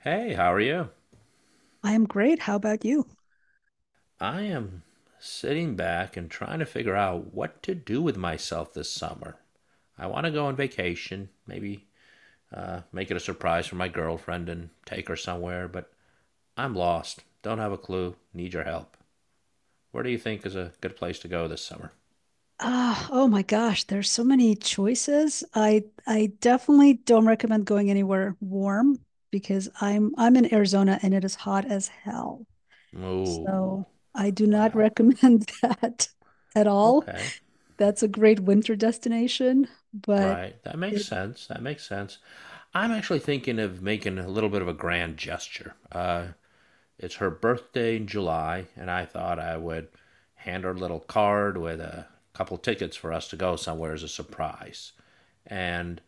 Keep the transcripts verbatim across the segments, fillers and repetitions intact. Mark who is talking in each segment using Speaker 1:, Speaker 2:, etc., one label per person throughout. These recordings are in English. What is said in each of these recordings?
Speaker 1: Hey, how are you?
Speaker 2: I am great. How about you?
Speaker 1: I am sitting back and trying to figure out what to do with myself this summer. I want to go on vacation, maybe uh, make it a surprise for my girlfriend and take her somewhere, but I'm lost. Don't have a clue. Need your help. Where do you think is a good place to go this summer?
Speaker 2: Ah, oh my gosh, there's so many choices. I I definitely don't recommend going anywhere warm because I'm I'm in Arizona and it is hot as hell.
Speaker 1: Ooh,
Speaker 2: So I do not
Speaker 1: well,
Speaker 2: recommend that at all.
Speaker 1: okay.
Speaker 2: That's a great winter destination, but
Speaker 1: Right. That makes
Speaker 2: it
Speaker 1: sense. That makes sense. I'm actually thinking of making a little bit of a grand gesture. Uh, It's her birthday in July, and I thought I would hand her a little card with a couple tickets for us to go somewhere as a surprise. And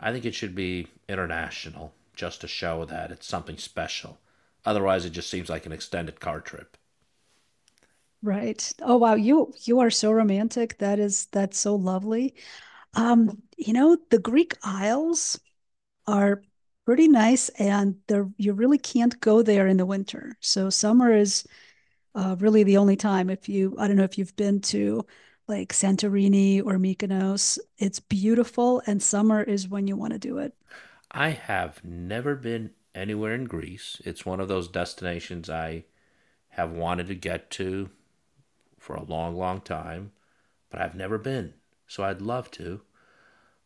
Speaker 1: I think it should be international just to show that it's something special. Otherwise, it just seems like an extended car trip.
Speaker 2: Right. Oh wow, you you are so romantic. That is that's so lovely. Um, you know, the Greek Isles are pretty nice and they you really can't go there in the winter. So summer is uh, really the only time. If you, I don't know if you've been to like Santorini or Mykonos. It's beautiful, and summer is when you want to do it.
Speaker 1: I have never been anywhere in Greece. It's one of those destinations I have wanted to get to for a long, long time, but I've never been. So I'd love to.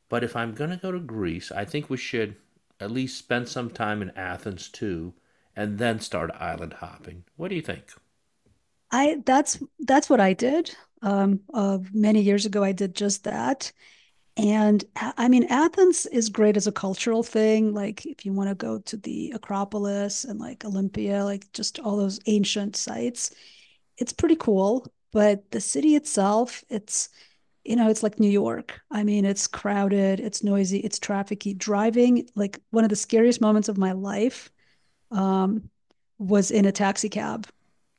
Speaker 1: But if I'm going to go to Greece, I think we should at least spend some time in Athens too, and then start island hopping. What do you think?
Speaker 2: I that's that's what I did. Um, uh, many years ago I did just that. And I mean, Athens is great as a cultural thing. Like, if you want to go to the Acropolis and like Olympia, like just all those ancient sites, it's pretty cool. But the city itself, it's, you know, it's like New York. I mean, it's crowded, it's noisy, it's trafficy. Driving, like, one of the scariest moments of my life, um, was in a taxi cab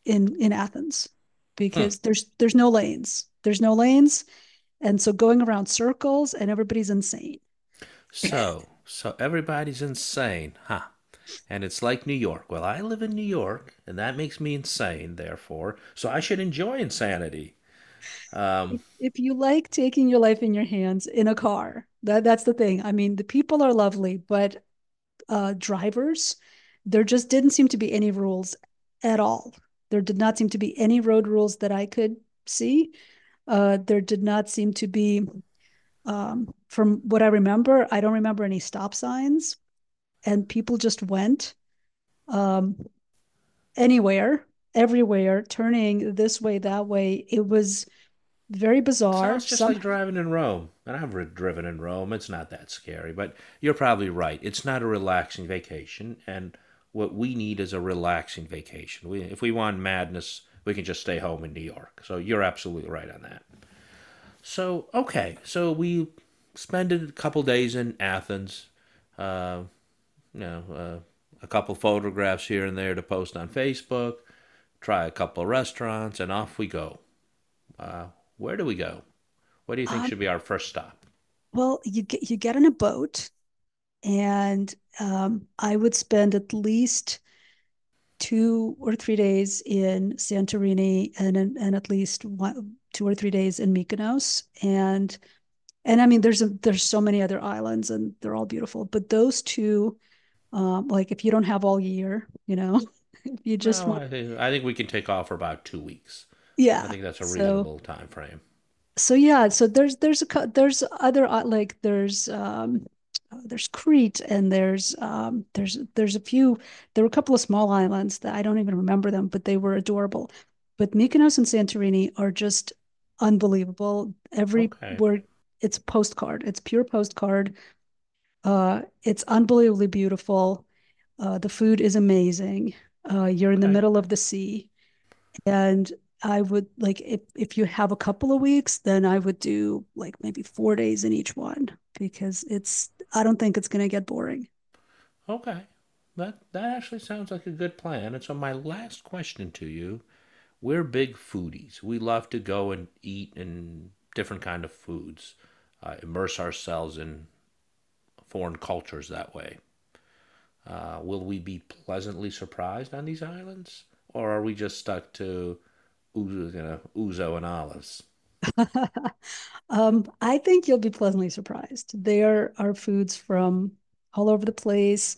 Speaker 2: in, in Athens,
Speaker 1: Hmm.
Speaker 2: because there's there's no lanes. There's no lanes. And so going around circles and everybody's insane.
Speaker 1: So, so everybody's insane, huh? And it's like New York. Well, I live in New York, and that makes me insane, therefore, so I should enjoy insanity. Um,
Speaker 2: if, if you like taking your life in your hands in a car, that that's the thing. I mean, the people are lovely, but uh, drivers, there just didn't seem to be any rules at all. There did not seem to be any road rules that I could see. Uh, there did not seem to be, um, from what I remember, I don't remember any stop signs, and people just went um, anywhere, everywhere, turning this way, that way. It was very bizarre.
Speaker 1: Sounds just
Speaker 2: Some
Speaker 1: like driving in Rome. And I've driven in Rome. It's not that scary, but you're probably right. It's not a relaxing vacation. And what we need is a relaxing vacation. We, if we want madness, we can just stay home in New York. So you're absolutely right on that. So, okay. So we spent a couple days in Athens. Uh, you know, uh, a couple photographs here and there to post on Facebook, try a couple restaurants, and off we go. Uh, where do we go? What do you think
Speaker 2: um,
Speaker 1: should be our first stop?
Speaker 2: Well, you get you get in a boat, and um, I would spend at least two or three days in Santorini, and and, at least one, two or three days in Mykonos, and and I mean, there's a, there's so many other islands, and they're all beautiful. But those two, um, like if you don't have all year, you know, if you just
Speaker 1: No,
Speaker 2: want,
Speaker 1: I think I think we can take off for about two weeks. I
Speaker 2: yeah.
Speaker 1: think that's a
Speaker 2: So
Speaker 1: reasonable time frame.
Speaker 2: so yeah, so there's there's a there's other, uh, like there's um uh, there's Crete and there's um there's there's a few, there were a couple of small islands that I don't even remember them, but they were adorable. But Mykonos and Santorini are just unbelievable. Every
Speaker 1: Okay,
Speaker 2: word It's a postcard. It's pure postcard. Uh it's unbelievably beautiful. Uh the food is amazing. Uh you're in the
Speaker 1: okay,
Speaker 2: middle of the sea. And I would like, if if you have a couple of weeks, then I would do like maybe four days in each one, because it's I don't think it's going to get boring.
Speaker 1: okay. That that actually sounds like a good plan. And so my last question to you: we're big foodies. We love to go and eat and different kind of foods, uh, immerse ourselves in foreign cultures that way. Uh, will we be pleasantly surprised on these islands, or are we just stuck to ouzo, you know, ouzo and olives?
Speaker 2: Um, I think you'll be pleasantly surprised. There are foods from all over the place.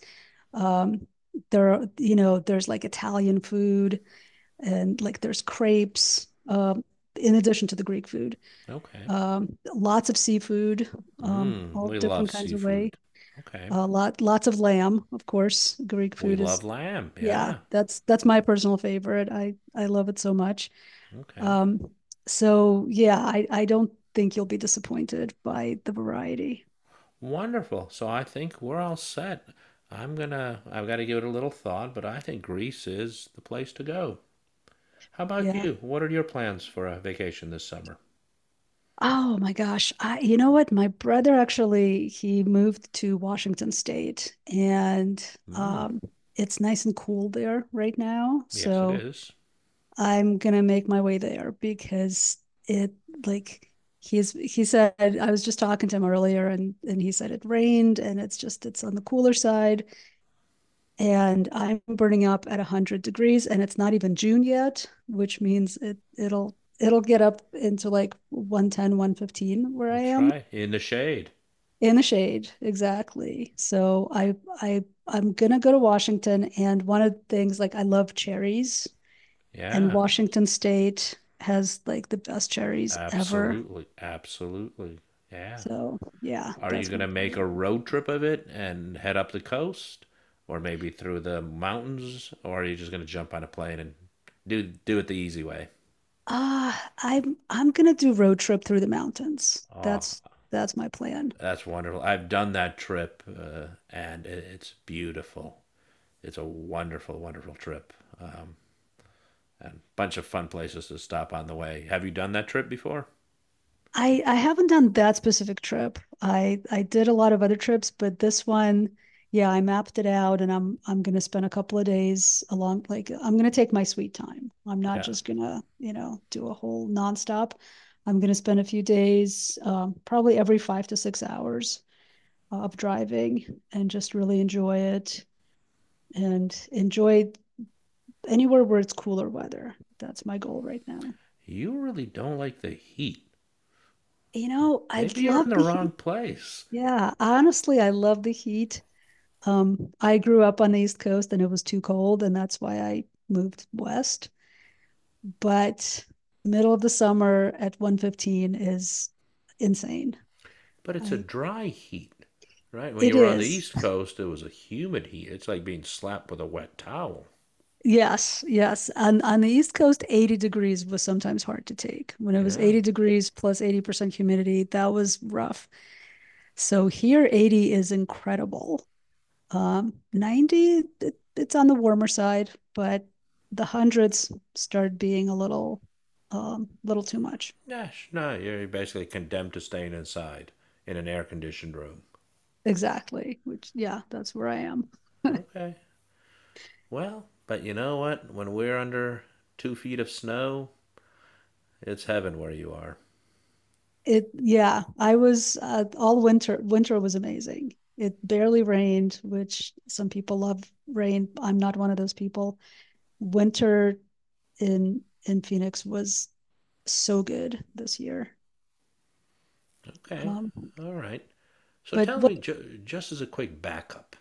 Speaker 2: Um, there, you know, there's like Italian food, and like there's crepes. Um, in addition to the Greek food,
Speaker 1: Okay.
Speaker 2: um, lots of seafood, um,
Speaker 1: Mm,
Speaker 2: all
Speaker 1: we love
Speaker 2: different kinds of way.
Speaker 1: seafood. Okay.
Speaker 2: A lot, lots of lamb, of course. Greek
Speaker 1: We
Speaker 2: food
Speaker 1: love
Speaker 2: is,
Speaker 1: lamb.
Speaker 2: yeah,
Speaker 1: Yeah.
Speaker 2: that's that's my personal favorite. I I love it so much.
Speaker 1: Okay.
Speaker 2: Um, so yeah, I I don't think you'll be disappointed by the variety.
Speaker 1: Wonderful. So I think we're all set. I'm gonna. I've got to give it a little thought, but I think Greece is the place to go. How about
Speaker 2: Yeah.
Speaker 1: you? What are your plans for a vacation this summer?
Speaker 2: Oh my gosh. I, you know what? My brother actually, he moved to Washington State, and
Speaker 1: Mm,
Speaker 2: um, it's nice and cool there right now.
Speaker 1: yes, it
Speaker 2: So
Speaker 1: is.
Speaker 2: I'm gonna make my way there because it like he's he said I was just talking to him earlier, and and he said it rained, and it's just it's on the cooler side, and I'm burning up at one hundred degrees, and it's not even June yet, which means it it'll it'll get up into like one ten, one fifteen where I
Speaker 1: That's
Speaker 2: am.
Speaker 1: right. In the shade.
Speaker 2: In the shade exactly So i i i'm gonna go to Washington, and one of the things, like, I love cherries, and
Speaker 1: Yeah.
Speaker 2: Washington State has like the best cherries ever.
Speaker 1: Absolutely. Absolutely. Yeah.
Speaker 2: So yeah,
Speaker 1: Are you
Speaker 2: that's
Speaker 1: going
Speaker 2: my
Speaker 1: to make
Speaker 2: plan.
Speaker 1: a road trip of it and head up the coast or maybe through the mountains, or are you just going to jump on a plane and do do it the easy way?
Speaker 2: Ah, i'm i'm gonna do road trip through the mountains.
Speaker 1: Oh,
Speaker 2: That's that's my plan.
Speaker 1: that's wonderful. I've done that trip uh, and it, it's beautiful. It's a wonderful, wonderful trip. Um, and bunch of fun places to stop on the way. Have you done that trip before?
Speaker 2: I I haven't done that specific trip. I I did a lot of other trips, but this one, yeah, I mapped it out, and I'm I'm gonna spend a couple of days along. Like, I'm gonna take my sweet time. I'm not
Speaker 1: Yeah.
Speaker 2: just gonna, you know, do a whole nonstop. I'm gonna spend a few days, um, probably every five to six hours of driving, and just really enjoy it and enjoy anywhere where it's cooler weather. That's my goal right now.
Speaker 1: You really don't like the heat.
Speaker 2: You know, I
Speaker 1: Maybe you're
Speaker 2: love
Speaker 1: in the
Speaker 2: the
Speaker 1: wrong
Speaker 2: heat.
Speaker 1: place.
Speaker 2: Yeah, honestly, I love the heat. Um, I grew up on the East Coast and it was too cold, and that's why I moved west. But middle of the summer at one fifteen is insane.
Speaker 1: But it's a
Speaker 2: I
Speaker 1: dry heat, right? When you
Speaker 2: It
Speaker 1: were on the
Speaker 2: is.
Speaker 1: East Coast, it was a humid heat. It's like being slapped with a wet towel.
Speaker 2: Yes, yes. On on the East Coast, eighty degrees was sometimes hard to take. When it was
Speaker 1: Yeah.
Speaker 2: eighty degrees plus eighty percent humidity, that was rough. So here eighty is incredible. Um, ninety, it, it's on the warmer side, but the hundreds started being a little, um, little too much.
Speaker 1: Gosh, no, you're basically condemned to staying inside in an air conditioned room.
Speaker 2: Exactly. Which, yeah, that's where I am.
Speaker 1: Okay. Well, but you know what? When we're under two feet of snow, it's heaven where you are.
Speaker 2: It, yeah, I was uh, all winter. Winter was amazing. It barely rained, which some people love rain. I'm not one of those people. Winter in in Phoenix was so good this year.
Speaker 1: Okay.
Speaker 2: Um,
Speaker 1: All right. So
Speaker 2: but
Speaker 1: tell me,
Speaker 2: what?
Speaker 1: ju- just as a quick backup,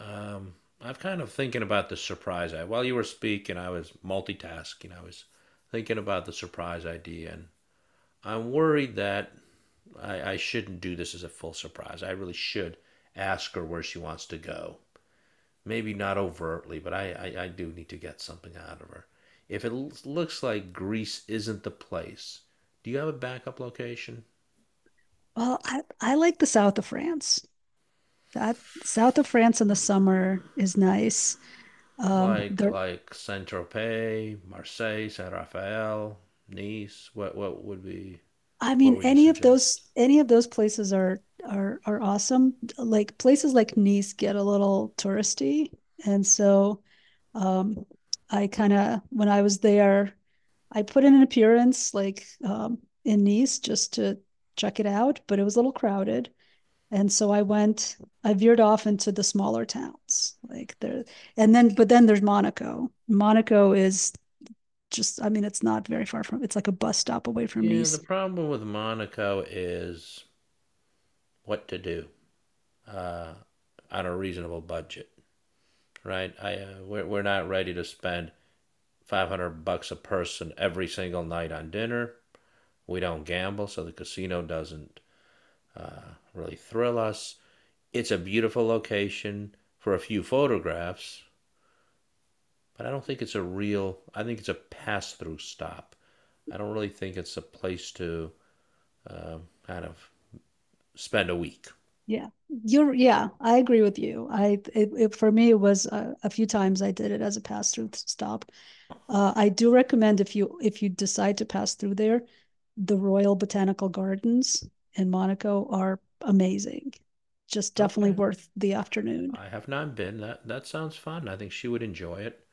Speaker 1: Um, I'm kind of thinking about the surprise. I while you were speaking, I was multitasking. I was thinking about the surprise idea, and I'm worried that I, I shouldn't do this as a full surprise. I really should ask her where she wants to go. Maybe not overtly, but I, I, I do need to get something out of her. If it l- looks like Greece isn't the place, do you have a backup location?
Speaker 2: Well, I I like the south of France. That South of France in the summer is nice. Um,
Speaker 1: Like
Speaker 2: there,
Speaker 1: like Saint Tropez, Marseille, Saint Raphael, Nice. What what would be.
Speaker 2: I
Speaker 1: What
Speaker 2: mean,
Speaker 1: would you
Speaker 2: any of those
Speaker 1: suggest?
Speaker 2: any of those places are are are awesome. Like places like Nice get a little touristy, and so um, I kind of, when I was there, I put in an appearance like, um, in Nice, just to check it out, but it was a little crowded. And so I went, I veered off into the smaller towns, like there, and then, but then there's Monaco. Monaco is just, I mean, it's not very far from, it's like a bus stop away from
Speaker 1: Yeah,
Speaker 2: Nice.
Speaker 1: the problem with Monaco is what to do uh, on a reasonable budget, right? I uh, we're, we're not ready to spend five hundred bucks a person every single night on dinner. We don't gamble, so the casino doesn't uh, really thrill us. It's a beautiful location for a few photographs, but I don't think it's a real. I think it's a pass-through stop. I don't really think it's a place to uh, kind of spend a week.
Speaker 2: Yeah, you're, yeah, I agree with you. I, it, it, for me, it was a, a few times I did it as a pass through stop. Uh, I do recommend if you, if you decide to pass through there, the Royal Botanical Gardens in Monaco are amazing. Just definitely
Speaker 1: Okay.
Speaker 2: worth the afternoon.
Speaker 1: I have not been. That that sounds fun. I think she would enjoy it.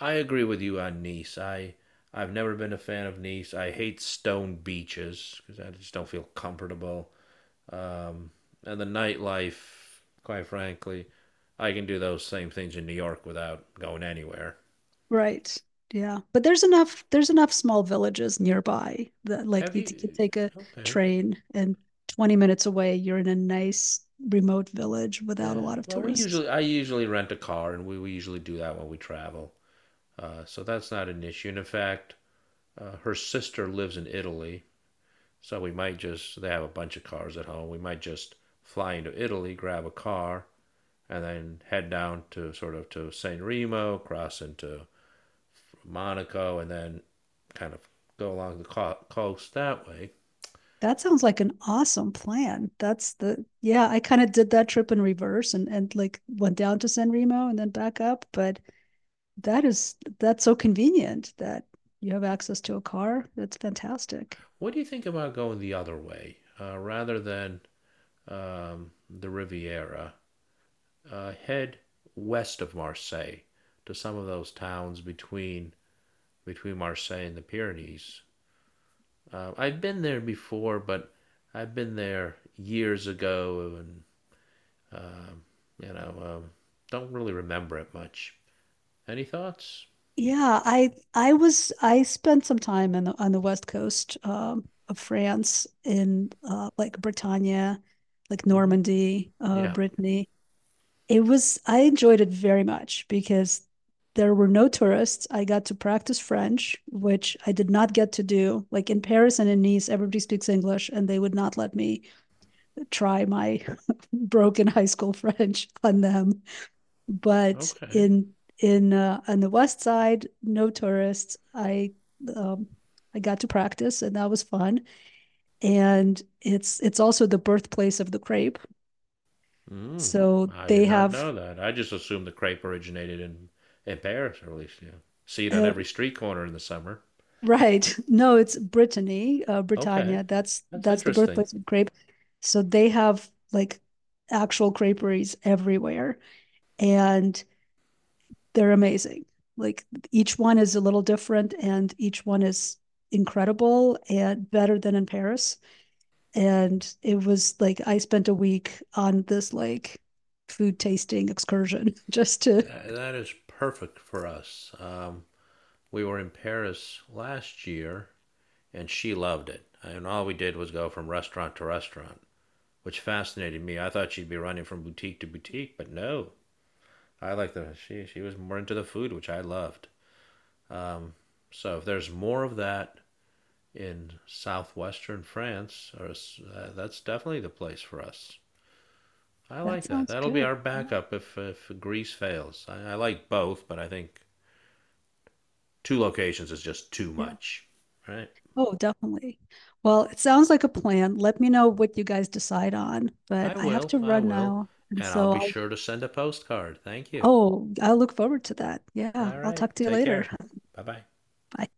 Speaker 1: I agree with you on Nice. I I've never been a fan of Nice. I hate stone beaches because I just don't feel comfortable. Um, and the nightlife, quite frankly, I can do those same things in New York without going anywhere.
Speaker 2: Right. Yeah. But there's enough there's enough small villages nearby that like
Speaker 1: Have
Speaker 2: you t- could
Speaker 1: you?
Speaker 2: take a
Speaker 1: Okay.
Speaker 2: train, and twenty minutes away you're in a nice remote village without a
Speaker 1: Yeah.
Speaker 2: lot of
Speaker 1: Well, we
Speaker 2: tourists.
Speaker 1: usually I usually rent a car, and we, we usually do that when we travel. Uh, so that's not an issue. And in fact, uh, her sister lives in Italy. So we might just, they have a bunch of cars at home. We might just fly into Italy, grab a car, and then head down to sort of to San Remo, cross into Monaco, and then kind of go along the co- coast that way.
Speaker 2: That sounds like an awesome plan. That's the Yeah, I kind of did that trip in reverse, and and like went down to San Remo and then back up, but that is that's so convenient that you have access to a car. That's fantastic.
Speaker 1: What do you think about going the other way? Uh, rather than um, the Riviera, uh, head west of Marseille to some of those towns between between Marseille and the Pyrenees. Um, I've been there before, but I've been there years ago, and um, you know, um, don't really remember it much. Any thoughts?
Speaker 2: Yeah, I I was, I spent some time in the, on the west coast, um, of France, in uh, like Bretagne, like
Speaker 1: Hmm.
Speaker 2: Normandy, uh,
Speaker 1: Yeah.
Speaker 2: Brittany. It was I enjoyed it very much because there were no tourists. I got to practice French, which I did not get to do. Like in Paris and in Nice, everybody speaks English, and they would not let me try my broken high school French on them. But
Speaker 1: Okay.
Speaker 2: in in uh, on the west side, no tourists. I um, I got to practice, and that was fun. And it's it's also the birthplace of the crepe,
Speaker 1: Mm.
Speaker 2: so
Speaker 1: I did
Speaker 2: they
Speaker 1: not know
Speaker 2: have.
Speaker 1: that. I just assumed the crepe originated in in Paris, or at least, you know, see it on
Speaker 2: Uh,
Speaker 1: every street corner in the summer.
Speaker 2: right. No, it's Brittany, uh,
Speaker 1: Okay,
Speaker 2: Britannia. That's
Speaker 1: that's
Speaker 2: that's the
Speaker 1: interesting.
Speaker 2: birthplace of crepe. So they have like actual creperies everywhere. And they're amazing. Like each one is a little different, and each one is incredible and better than in Paris. And it was like I spent a week on this like food tasting excursion just to
Speaker 1: That, that is perfect for us. Um, we were in Paris last year, and she loved it. And all we did was go from restaurant to restaurant, which fascinated me. I thought she'd be running from boutique to boutique, but no. I like the she. She was more into the food, which I loved. Um, so if there's more of that in southwestern France, or uh, that's definitely the place for us. I
Speaker 2: that
Speaker 1: like that.
Speaker 2: sounds
Speaker 1: That'll be
Speaker 2: good.
Speaker 1: our
Speaker 2: Yeah.
Speaker 1: backup if if Greece fails. I, I like both, but I think two locations is just too
Speaker 2: Yeah.
Speaker 1: much. Right?
Speaker 2: Oh, definitely. Well, it sounds like a plan. Let me know what you guys decide on, but
Speaker 1: I
Speaker 2: I have
Speaker 1: will.
Speaker 2: to
Speaker 1: I
Speaker 2: run
Speaker 1: will,
Speaker 2: now. And
Speaker 1: and I'll
Speaker 2: so
Speaker 1: be
Speaker 2: I'll,
Speaker 1: sure to send a postcard. Thank you.
Speaker 2: oh, I look forward to that. Yeah.
Speaker 1: All
Speaker 2: I'll
Speaker 1: right.
Speaker 2: talk to you
Speaker 1: Take
Speaker 2: later.
Speaker 1: care. Bye bye.
Speaker 2: Bye.